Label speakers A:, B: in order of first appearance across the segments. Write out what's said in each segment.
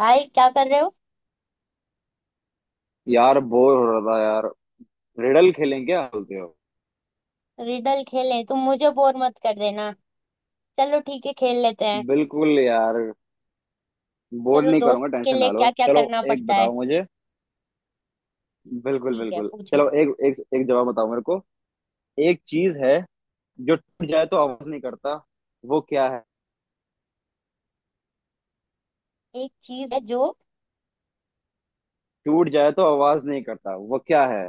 A: भाई क्या कर रहे हो।
B: यार बोर हो रहा था यार। रिडल खेलें, क्या बोलते हो?
A: रिडल खेलें? तुम मुझे बोर मत कर देना। चलो ठीक है खेल लेते हैं।
B: बिल्कुल यार, बोर
A: चलो
B: नहीं
A: दोस्त
B: करूंगा,
A: के
B: टेंशन
A: लिए
B: ना लो,
A: क्या क्या
B: चलो
A: करना
B: एक
A: पड़ता है।
B: बताओ मुझे। बिल्कुल
A: ठीक है
B: बिल्कुल,
A: पूछो।
B: चलो एक एक एक जवाब बताओ मेरे को। एक चीज है जो टूट जाए तो आवाज नहीं करता, वो क्या है?
A: एक चीज है जो
B: टूट जाए तो आवाज नहीं करता वो क्या है?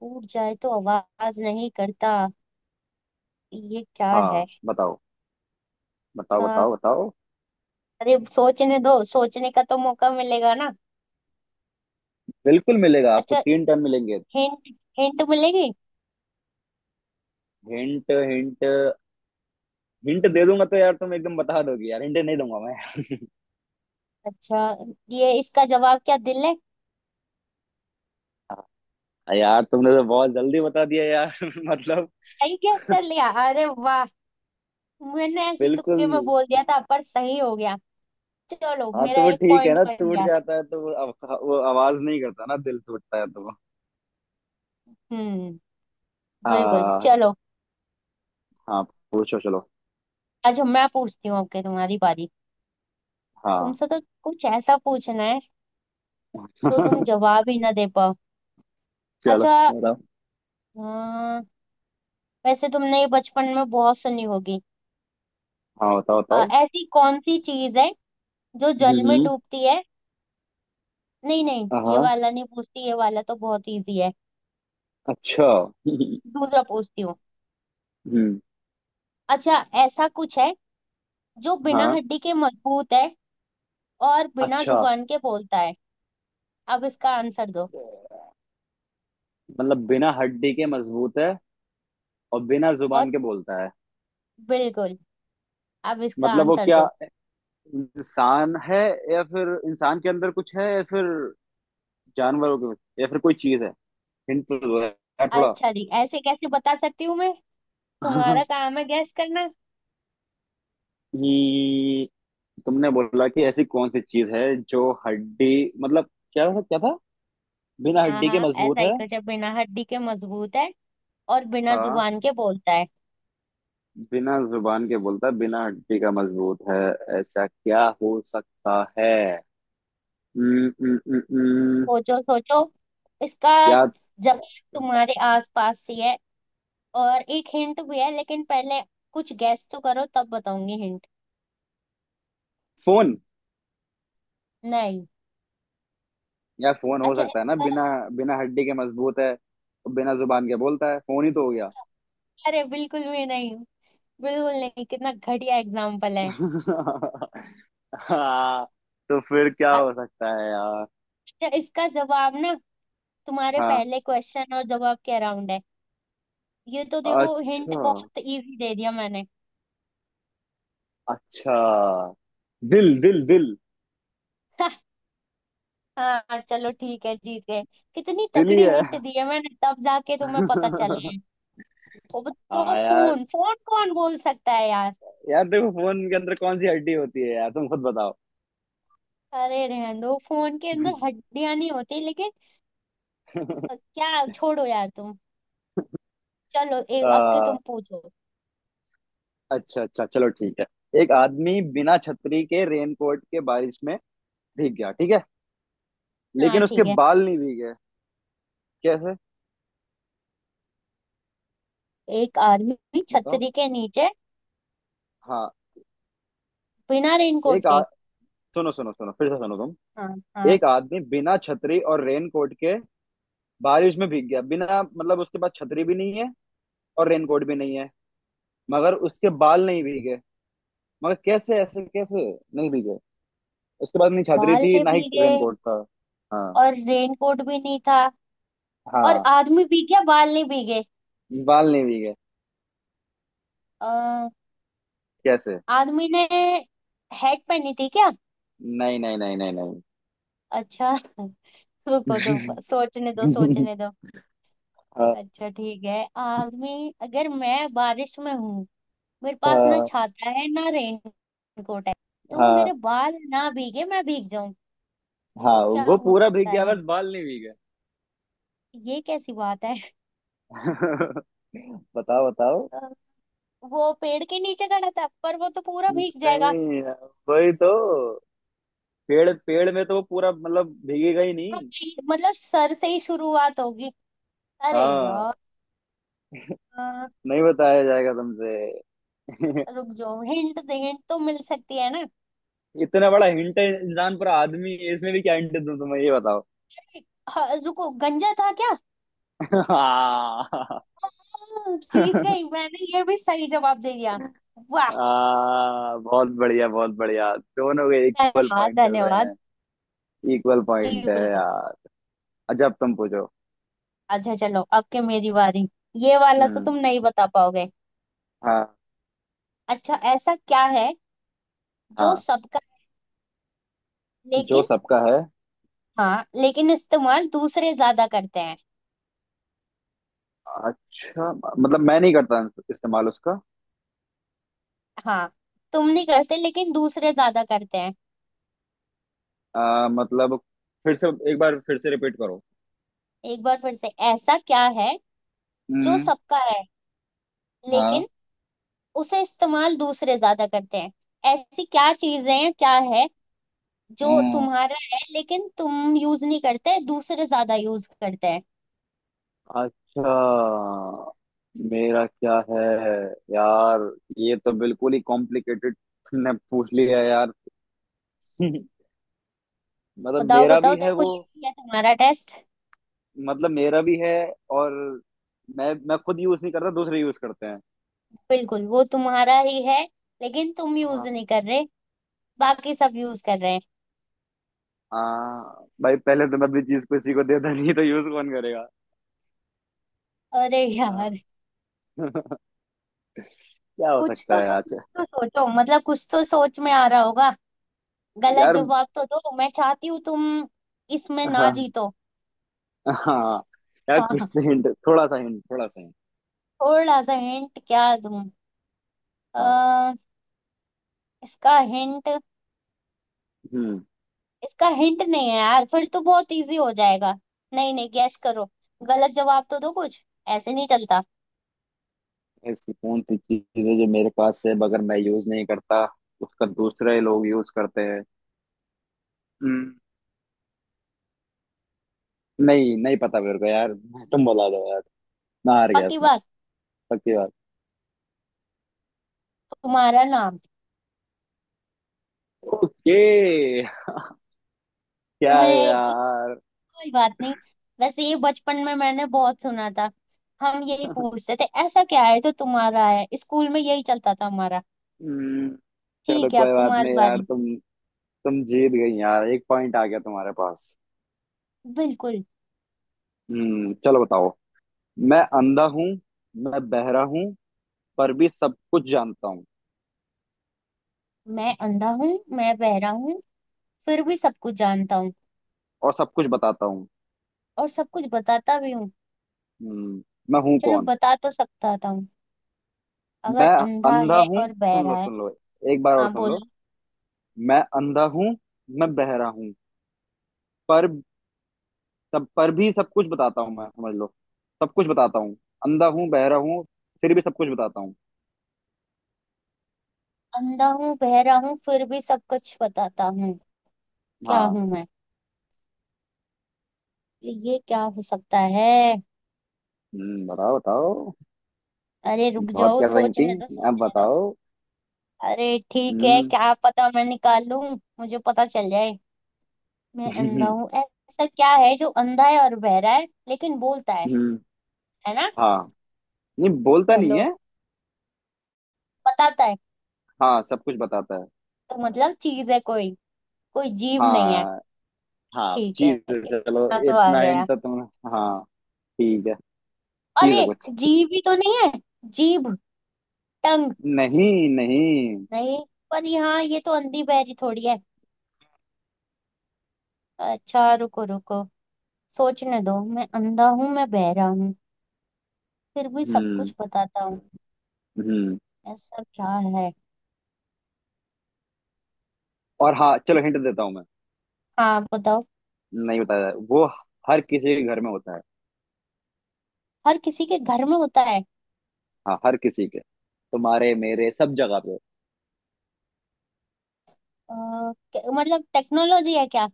A: टूट जाए तो आवाज नहीं करता, ये क्या है?
B: हाँ बताओ, बताओ
A: अच्छा।
B: बताओ बताओ।
A: अरे सोचने दो, सोचने का तो मौका मिलेगा ना।
B: बिल्कुल मिलेगा, आपको
A: अच्छा।
B: तीन टन मिलेंगे।
A: हिंट? हिंट मिलेगी?
B: हिंट हिंट, हिंट दे दूंगा तो यार तुम एकदम बता दोगे यार, हिंट नहीं दूंगा मैं। हाँ,
A: अच्छा। ये इसका जवाब क्या दिल है?
B: यार तुमने तो बहुत जल्दी बता दिया यार। मतलब
A: सही गैस कर लिया, अरे वाह। मैंने ऐसे ही
B: बिल्कुल।
A: तुक्के में बोल दिया था पर सही हो गया। चलो
B: हाँ तो
A: मेरा
B: वो
A: एक
B: ठीक है
A: पॉइंट
B: ना,
A: बन
B: टूट
A: गया।
B: जाता है तो वो वो आवाज नहीं करता ना। दिल टूटता है तो वो
A: हम्म। बिल्कुल
B: हाँ।
A: चलो।
B: हाँ, पूछो चलो।
A: आज मैं पूछती हूँ, आपके तुम्हारी बारी।
B: हाँ।
A: तुमसे तो कुछ ऐसा पूछना है तो तुम जवाब ही ना दे पाओ।
B: चलो
A: अच्छा।
B: बताओ।
A: अं, वैसे तुमने ये बचपन में बहुत सुनी होगी।
B: हाँ बताओ बताओ।
A: ऐसी कौन सी चीज है जो जल में
B: हम्म।
A: डूबती है। नहीं नहीं, ये
B: हाँ
A: वाला नहीं पूछती, ये वाला तो बहुत इजी है।
B: अच्छा।
A: दूसरा पूछती हूँ।
B: हम्म।
A: अच्छा ऐसा कुछ है जो बिना
B: हाँ
A: हड्डी के मजबूत है और बिना
B: अच्छा।
A: जुबान के बोलता है, अब इसका आंसर दो।
B: मतलब बिना हड्डी के मजबूत है और बिना
A: और
B: जुबान के बोलता है।
A: बिल्कुल, अब इसका
B: मतलब वो
A: आंसर
B: क्या,
A: दो।
B: इंसान है या फिर इंसान के अंदर कुछ है या फिर जानवरों के या फिर कोई चीज है। हिंट तो दो यार थोड़ा।
A: अच्छा जी, ऐसे कैसे बता सकती हूँ मैं। तुम्हारा काम है गैस करना।
B: ये तुमने बोला कि ऐसी कौन सी चीज है जो हड्डी, मतलब क्या था क्या था? बिना
A: हाँ
B: हड्डी के
A: हाँ,
B: मजबूत
A: ऐसा ही
B: है,
A: कुछ है, बिना हड्डी के मजबूत है और बिना
B: हाँ
A: जुबान के बोलता है।
B: बिना जुबान के बोलता है, बिना हड्डी का मजबूत है, ऐसा क्या हो सकता है? न, न, न, न,
A: सोचो सोचो, इसका
B: या
A: जवाब तुम्हारे आसपास ही है। और एक हिंट भी है, लेकिन पहले कुछ गैस तो करो तब बताऊंगी हिंट।
B: फोन,
A: नहीं।
B: या फोन हो
A: अच्छा
B: सकता है ना।
A: इसका।
B: बिना, बिना हड्डी के मजबूत है, बिना जुबान के बोलता है, फोन ही तो हो गया।
A: अरे बिल्कुल भी नहीं, बिल्कुल नहीं। कितना घटिया एग्जाम्पल है।
B: हाँ। तो फिर क्या हो सकता है यार?
A: अच्छा इसका जवाब ना, तुम्हारे
B: हाँ,
A: पहले क्वेश्चन और जवाब के अराउंड है। ये तो देखो हिंट
B: अच्छा
A: बहुत इजी दे दिया मैंने।
B: अच्छा, दिल दिल दिल,
A: हाँ चलो ठीक है, जीत गए। कितनी
B: दिल ही
A: तगड़ी
B: है।
A: हिंट दी है मैंने तब जाके तुम्हें पता चला
B: हाँ
A: है। वो, तो
B: यार।
A: फोन फोन कौन बोल सकता है यार।
B: यार देखो फोन के अंदर कौन सी हड्डी होती है यार, तुम खुद बताओ।
A: अरे रहने दो, फोन के अंदर हड्डियां नहीं होती लेकिन क्या छोड़ो यार तुम। चलो एक अब के तुम
B: आ,
A: पूछो।
B: अच्छा अच्छा, चलो ठीक है। एक आदमी बिना छतरी के रेनकोट के बारिश में भीग गया, ठीक है?
A: हाँ
B: लेकिन उसके
A: ठीक है।
B: बाल नहीं भीगे। कैसे?
A: एक आदमी
B: बताओ
A: छतरी के नीचे,
B: हाँ।
A: बिना रेनकोट
B: एक आ...
A: के।
B: सुनो सुनो सुनो, फिर से सुनो तुम।
A: हाँ हाँ।
B: एक आदमी बिना छतरी और रेनकोट के बारिश में भीग गया, बिना मतलब उसके पास छतरी भी नहीं है और रेनकोट भी नहीं है, मगर उसके बाल नहीं भीगे। मगर कैसे, ऐसे कैसे नहीं भीगे? उसके बाद नहीं छतरी
A: बाल
B: थी
A: नहीं
B: ना ही
A: भीगे
B: रेनकोट था। हाँ।
A: और रेनकोट भी नहीं था और
B: हाँ
A: आदमी भीग गया, बाल नहीं भीगे।
B: बाल नहीं भीगे।
A: अ,
B: कैसे?
A: आर्मी ने हैट पहनी थी क्या?
B: नहीं नहीं नहीं नहीं नहीं।
A: अच्छा रुको दो, सोचने दो सोचने दो।
B: हाँ
A: अच्छा ठीक है। आर्मी, अगर मैं बारिश में हूँ, मेरे पास ना
B: हाँ।
A: छाता है ना रेन कोट है, तो
B: हाँ
A: मेरे बाल ना भीगे मैं भीग जाऊं,
B: हाँ।
A: तो क्या
B: वो
A: हो
B: पूरा भीग
A: सकता
B: गया
A: है?
B: बस बाल नहीं भीगे।
A: ये कैसी बात है।
B: बताओ बताओ।
A: अ, वो पेड़ के नीचे खड़ा था पर वो तो पूरा भीग जाएगा।
B: नहीं, वही तो, पेड़ पेड़ में तो वो पूरा मतलब भीगेगा ही
A: हाँ,
B: नहीं।
A: मतलब सर से ही शुरुआत होगी। अरे यार,
B: हाँ नहीं बताया जाएगा तुमसे।
A: रुक जाओ, हिंट दे, हिंट तो मिल सकती है ना।
B: इतना बड़ा हिंट है, इंसान पर आदमी है, इसमें भी क्या हिंट दूं तुम्हें, ये बताओ।
A: हाँ, रुको, गंजा था क्या?
B: आ,
A: हाँ, जीत गई मैंने, ये भी सही जवाब दे दिया। वाह।
B: बहुत बढ़िया बहुत बढ़िया, दोनों के इक्वल
A: धन्यवाद
B: पॉइंट चल रहे
A: धन्यवाद।
B: हैं, इक्वल
A: जी
B: पॉइंट है
A: बिल्कुल।
B: यार। अच्छा अब तुम पूछो।
A: अच्छा चलो अब के मेरी बारी। ये वाला तो तुम
B: हम्म।
A: नहीं बता पाओगे।
B: हाँ।
A: अच्छा ऐसा क्या है जो
B: हाँ
A: सबका,
B: जो
A: लेकिन,
B: सबका है।
A: हाँ लेकिन इस्तेमाल दूसरे ज्यादा करते हैं।
B: अच्छा मतलब मैं नहीं करता इस्तेमाल उसका।
A: हाँ, तुम नहीं करते लेकिन दूसरे ज्यादा करते हैं।
B: मतलब फिर से एक बार फिर से रिपीट करो।
A: एक बार फिर से, ऐसा क्या है जो
B: हम्म।
A: सबका है लेकिन उसे इस्तेमाल दूसरे ज्यादा करते हैं? ऐसी क्या चीजें हैं, क्या है जो
B: हाँ
A: तुम्हारा है लेकिन तुम यूज नहीं करते, दूसरे ज्यादा यूज करते हैं?
B: अच्छा। मेरा क्या है यार? ये तो बिल्कुल ही कॉम्प्लिकेटेड ने पूछ लिया यार। मतलब
A: बताओ
B: मेरा भी
A: बताओ, तेरे
B: है
A: को
B: वो।
A: ये नहीं है, तुम्हारा टेस्ट।
B: मतलब मेरा भी है, और मैं खुद यूज नहीं करता, दूसरे यूज करते हैं।
A: बिल्कुल वो तुम्हारा ही है, लेकिन तुम यूज
B: हाँ।
A: नहीं कर रहे, बाकी सब यूज कर रहे हैं।
B: हाँ भाई पहले तो मैं भी चीज किसी को देता नहीं तो यूज कौन करेगा।
A: अरे
B: हाँ।
A: यार,
B: क्या हो
A: कुछ
B: सकता
A: तो
B: है
A: तो कुछ
B: आज?
A: तो सोचो, मतलब कुछ तो सोच में आ रहा होगा। गलत
B: यार
A: जवाब तो दो, मैं चाहती हूँ तुम इसमें ना
B: हाँ
A: जीतो।
B: हाँ, यार कुछ
A: हाँ।
B: हिंट, थोड़ा सा हिंट, थोड़ा सा हिंट।
A: थोड़ा सा हिंट क्या दूं?
B: हाँ।
A: अ, इसका हिंट,
B: हम्म।
A: इसका हिंट नहीं है यार, फिर तो बहुत इजी हो जाएगा। नहीं नहीं, गैस करो, गलत जवाब तो दो कुछ। ऐसे नहीं चलता।
B: ऐसी कौन सी चीज है जो मेरे पास है मगर मैं यूज नहीं करता, उसका दूसरे लोग यूज करते हैं। हम्म, नहीं नहीं पता मेरे को यार, तुम बता दो यार, मैं हार गया
A: पक्की
B: इसमें।
A: बात।
B: पक्की बात।
A: तुम्हारा नाम।
B: ओके, क्या है
A: तुम्हें
B: यार?
A: कोई बात नहीं। वैसे ये बचपन में मैंने बहुत सुना था, हम यही पूछते थे ऐसा क्या है तो तुम्हारा है, स्कूल में यही चलता था हमारा।
B: हम्म, चलो
A: ठीक है अब
B: कोई बात
A: तुम्हारी
B: नहीं यार,
A: बारी।
B: तुम जीत गई यार, एक पॉइंट आ गया तुम्हारे पास।
A: बिल्कुल।
B: चलो बताओ। मैं अंधा हूँ, मैं बहरा हूँ, पर भी सब कुछ जानता हूँ
A: मैं अंधा हूँ, मैं बहरा हूँ, फिर भी सब कुछ जानता हूँ
B: और सब कुछ बताता हूँ।
A: और सब कुछ बताता भी हूँ।
B: हम्म, मैं हूँ
A: चलो
B: कौन?
A: बता तो सकता था हूँ,
B: मैं
A: अगर अंधा
B: अंधा
A: है
B: हूँ,
A: और
B: सुन
A: बहरा
B: लो
A: है।
B: सुन लो, एक बार और
A: हाँ
B: सुन लो।
A: बोलो।
B: मैं अंधा हूँ, मैं बहरा हूँ, पर तब पर भी सब कुछ बताता हूँ मैं, समझ लो, सब कुछ बताता हूँ। अंधा हूँ बहरा हूँ फिर भी सब कुछ बताता हूँ।
A: अंधा हूँ, बह रहा हूँ, फिर भी सब कुछ बताता हूँ, क्या
B: हाँ।
A: हूँ मैं? ये क्या हो सकता है?
B: बताओ बताओ,
A: अरे रुक
B: बहुत
A: जाओ,
B: कर रही थी,
A: सोचने दो
B: अब
A: सोचने दो।
B: बताओ।
A: अरे ठीक है,
B: हम्म।
A: क्या पता मैं निकाल लूं, मुझे पता चल जाए। मैं अंधा हूँ, ऐसा क्या है जो अंधा है और बहरा है लेकिन बोलता है
B: हम्म।
A: है ना?
B: हाँ नहीं, बोलता नहीं
A: चलो,
B: है।
A: बताता है
B: हाँ सब कुछ बताता है।
A: तो मतलब चीज है, कोई कोई जीव नहीं है।
B: हाँ। हाँ
A: ठीक है,
B: चीज है, चलो
A: इतना तो आ
B: इतना
A: गया।
B: हिंट तो तुम। हाँ ठीक है, चीज
A: अरे
B: है कुछ।
A: जीव ही तो नहीं है। जीभ, टंग।
B: नहीं नहीं।
A: नहीं, पर यहाँ ये तो अंधी बहरी थोड़ी है। अच्छा रुको रुको, सोचने दो। मैं अंधा हूँ, मैं बहरा हूँ, फिर भी सब
B: हम्म।
A: कुछ बताता हूँ,
B: हम्म
A: ऐसा क्या है?
B: और हाँ चलो हिंट देता हूँ मैं,
A: हाँ बताओ।
B: नहीं बताया वो। हर किसी के घर में होता है।
A: हर किसी के घर में होता है?
B: हाँ हर किसी के, तुम्हारे मेरे सब जगह पे।
A: अ, मतलब टेक्नोलॉजी है क्या?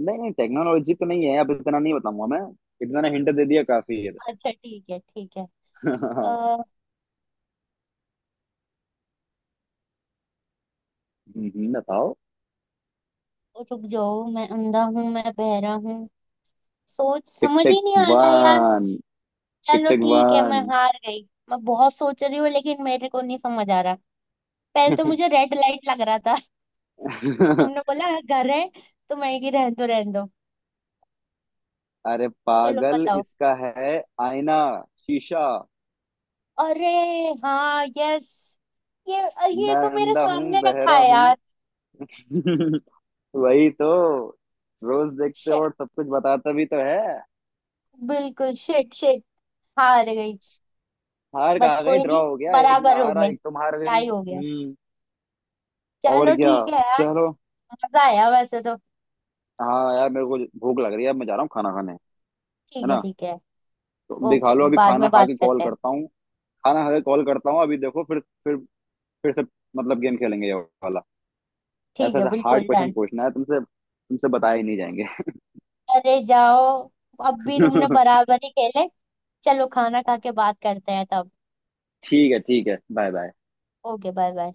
B: नहीं नहीं टेक्नोलॉजी तो नहीं है, अब इतना नहीं बताऊंगा मैं, इतना ना हिंट दे दिया काफी है।
A: अच्छा ठीक है ठीक है।
B: हम्म,
A: अ,
B: बताओ।
A: रुक जाओ, मैं अंधा हूँ मैं बहरा हूँ, सोच
B: टिक
A: समझ
B: टिक
A: ही नहीं आ रहा यार।
B: वन। टिक
A: चलो
B: टिक
A: ठीक है,
B: वन।
A: मैं हार गई। मैं बहुत सोच रही हूँ लेकिन मेरे को नहीं समझ आ रहा। पहले तो मुझे रेड लाइट लग रहा था, फिर तुमने बोला "हाँ, घर है", तो मैं कि रहने दो रहने दो।
B: अरे
A: चलो
B: पागल
A: बताओ।
B: इसका है, आईना, शीशा।
A: अरे हाँ, यस। ये ये
B: मैं
A: तो मेरे
B: अंधा हूँ
A: सामने रखा
B: बहरा
A: है
B: हूँ।
A: यार।
B: वही तो, रोज देखते हो
A: शिट।
B: और सब कुछ बताता भी तो है।
A: बिल्कुल शिट शिट। हार गई।
B: हार
A: बट
B: कहाँ गई,
A: कोई नहीं,
B: ड्रॉ हो गया, एक मैं
A: बराबर हो
B: हारा
A: गए,
B: एक तुम हार गई।
A: टाई हो गया।
B: और
A: चलो
B: क्या,
A: ठीक है यार।
B: चलो।
A: मजा आया वैसे तो।
B: हाँ यार मेरे को भूख लग रही है, अब मैं जा रहा हूँ खाना खाने, है
A: ठीक है
B: ना?
A: ठीक है।
B: तो भी खा
A: ओके,
B: लो, अभी
A: बाद
B: खाना
A: में
B: खा
A: बात
B: के कॉल
A: करते हैं।
B: करता हूँ। खाना खा के कॉल करता हूँ अभी, देखो, फिर फिर से मतलब गेम खेलेंगे ये वाला।
A: ठीक
B: ऐसा
A: है
B: ऐसा हार्ड
A: बिल्कुल
B: क्वेश्चन
A: डन।
B: पूछना है तुमसे, तुमसे बताए ही नहीं जाएंगे।
A: अरे जाओ, अब भी तुमने बराबर ही खेले। चलो खाना खा के बात करते हैं तब।
B: ठीक है ठीक है, bye bye.
A: Okay, bye bye.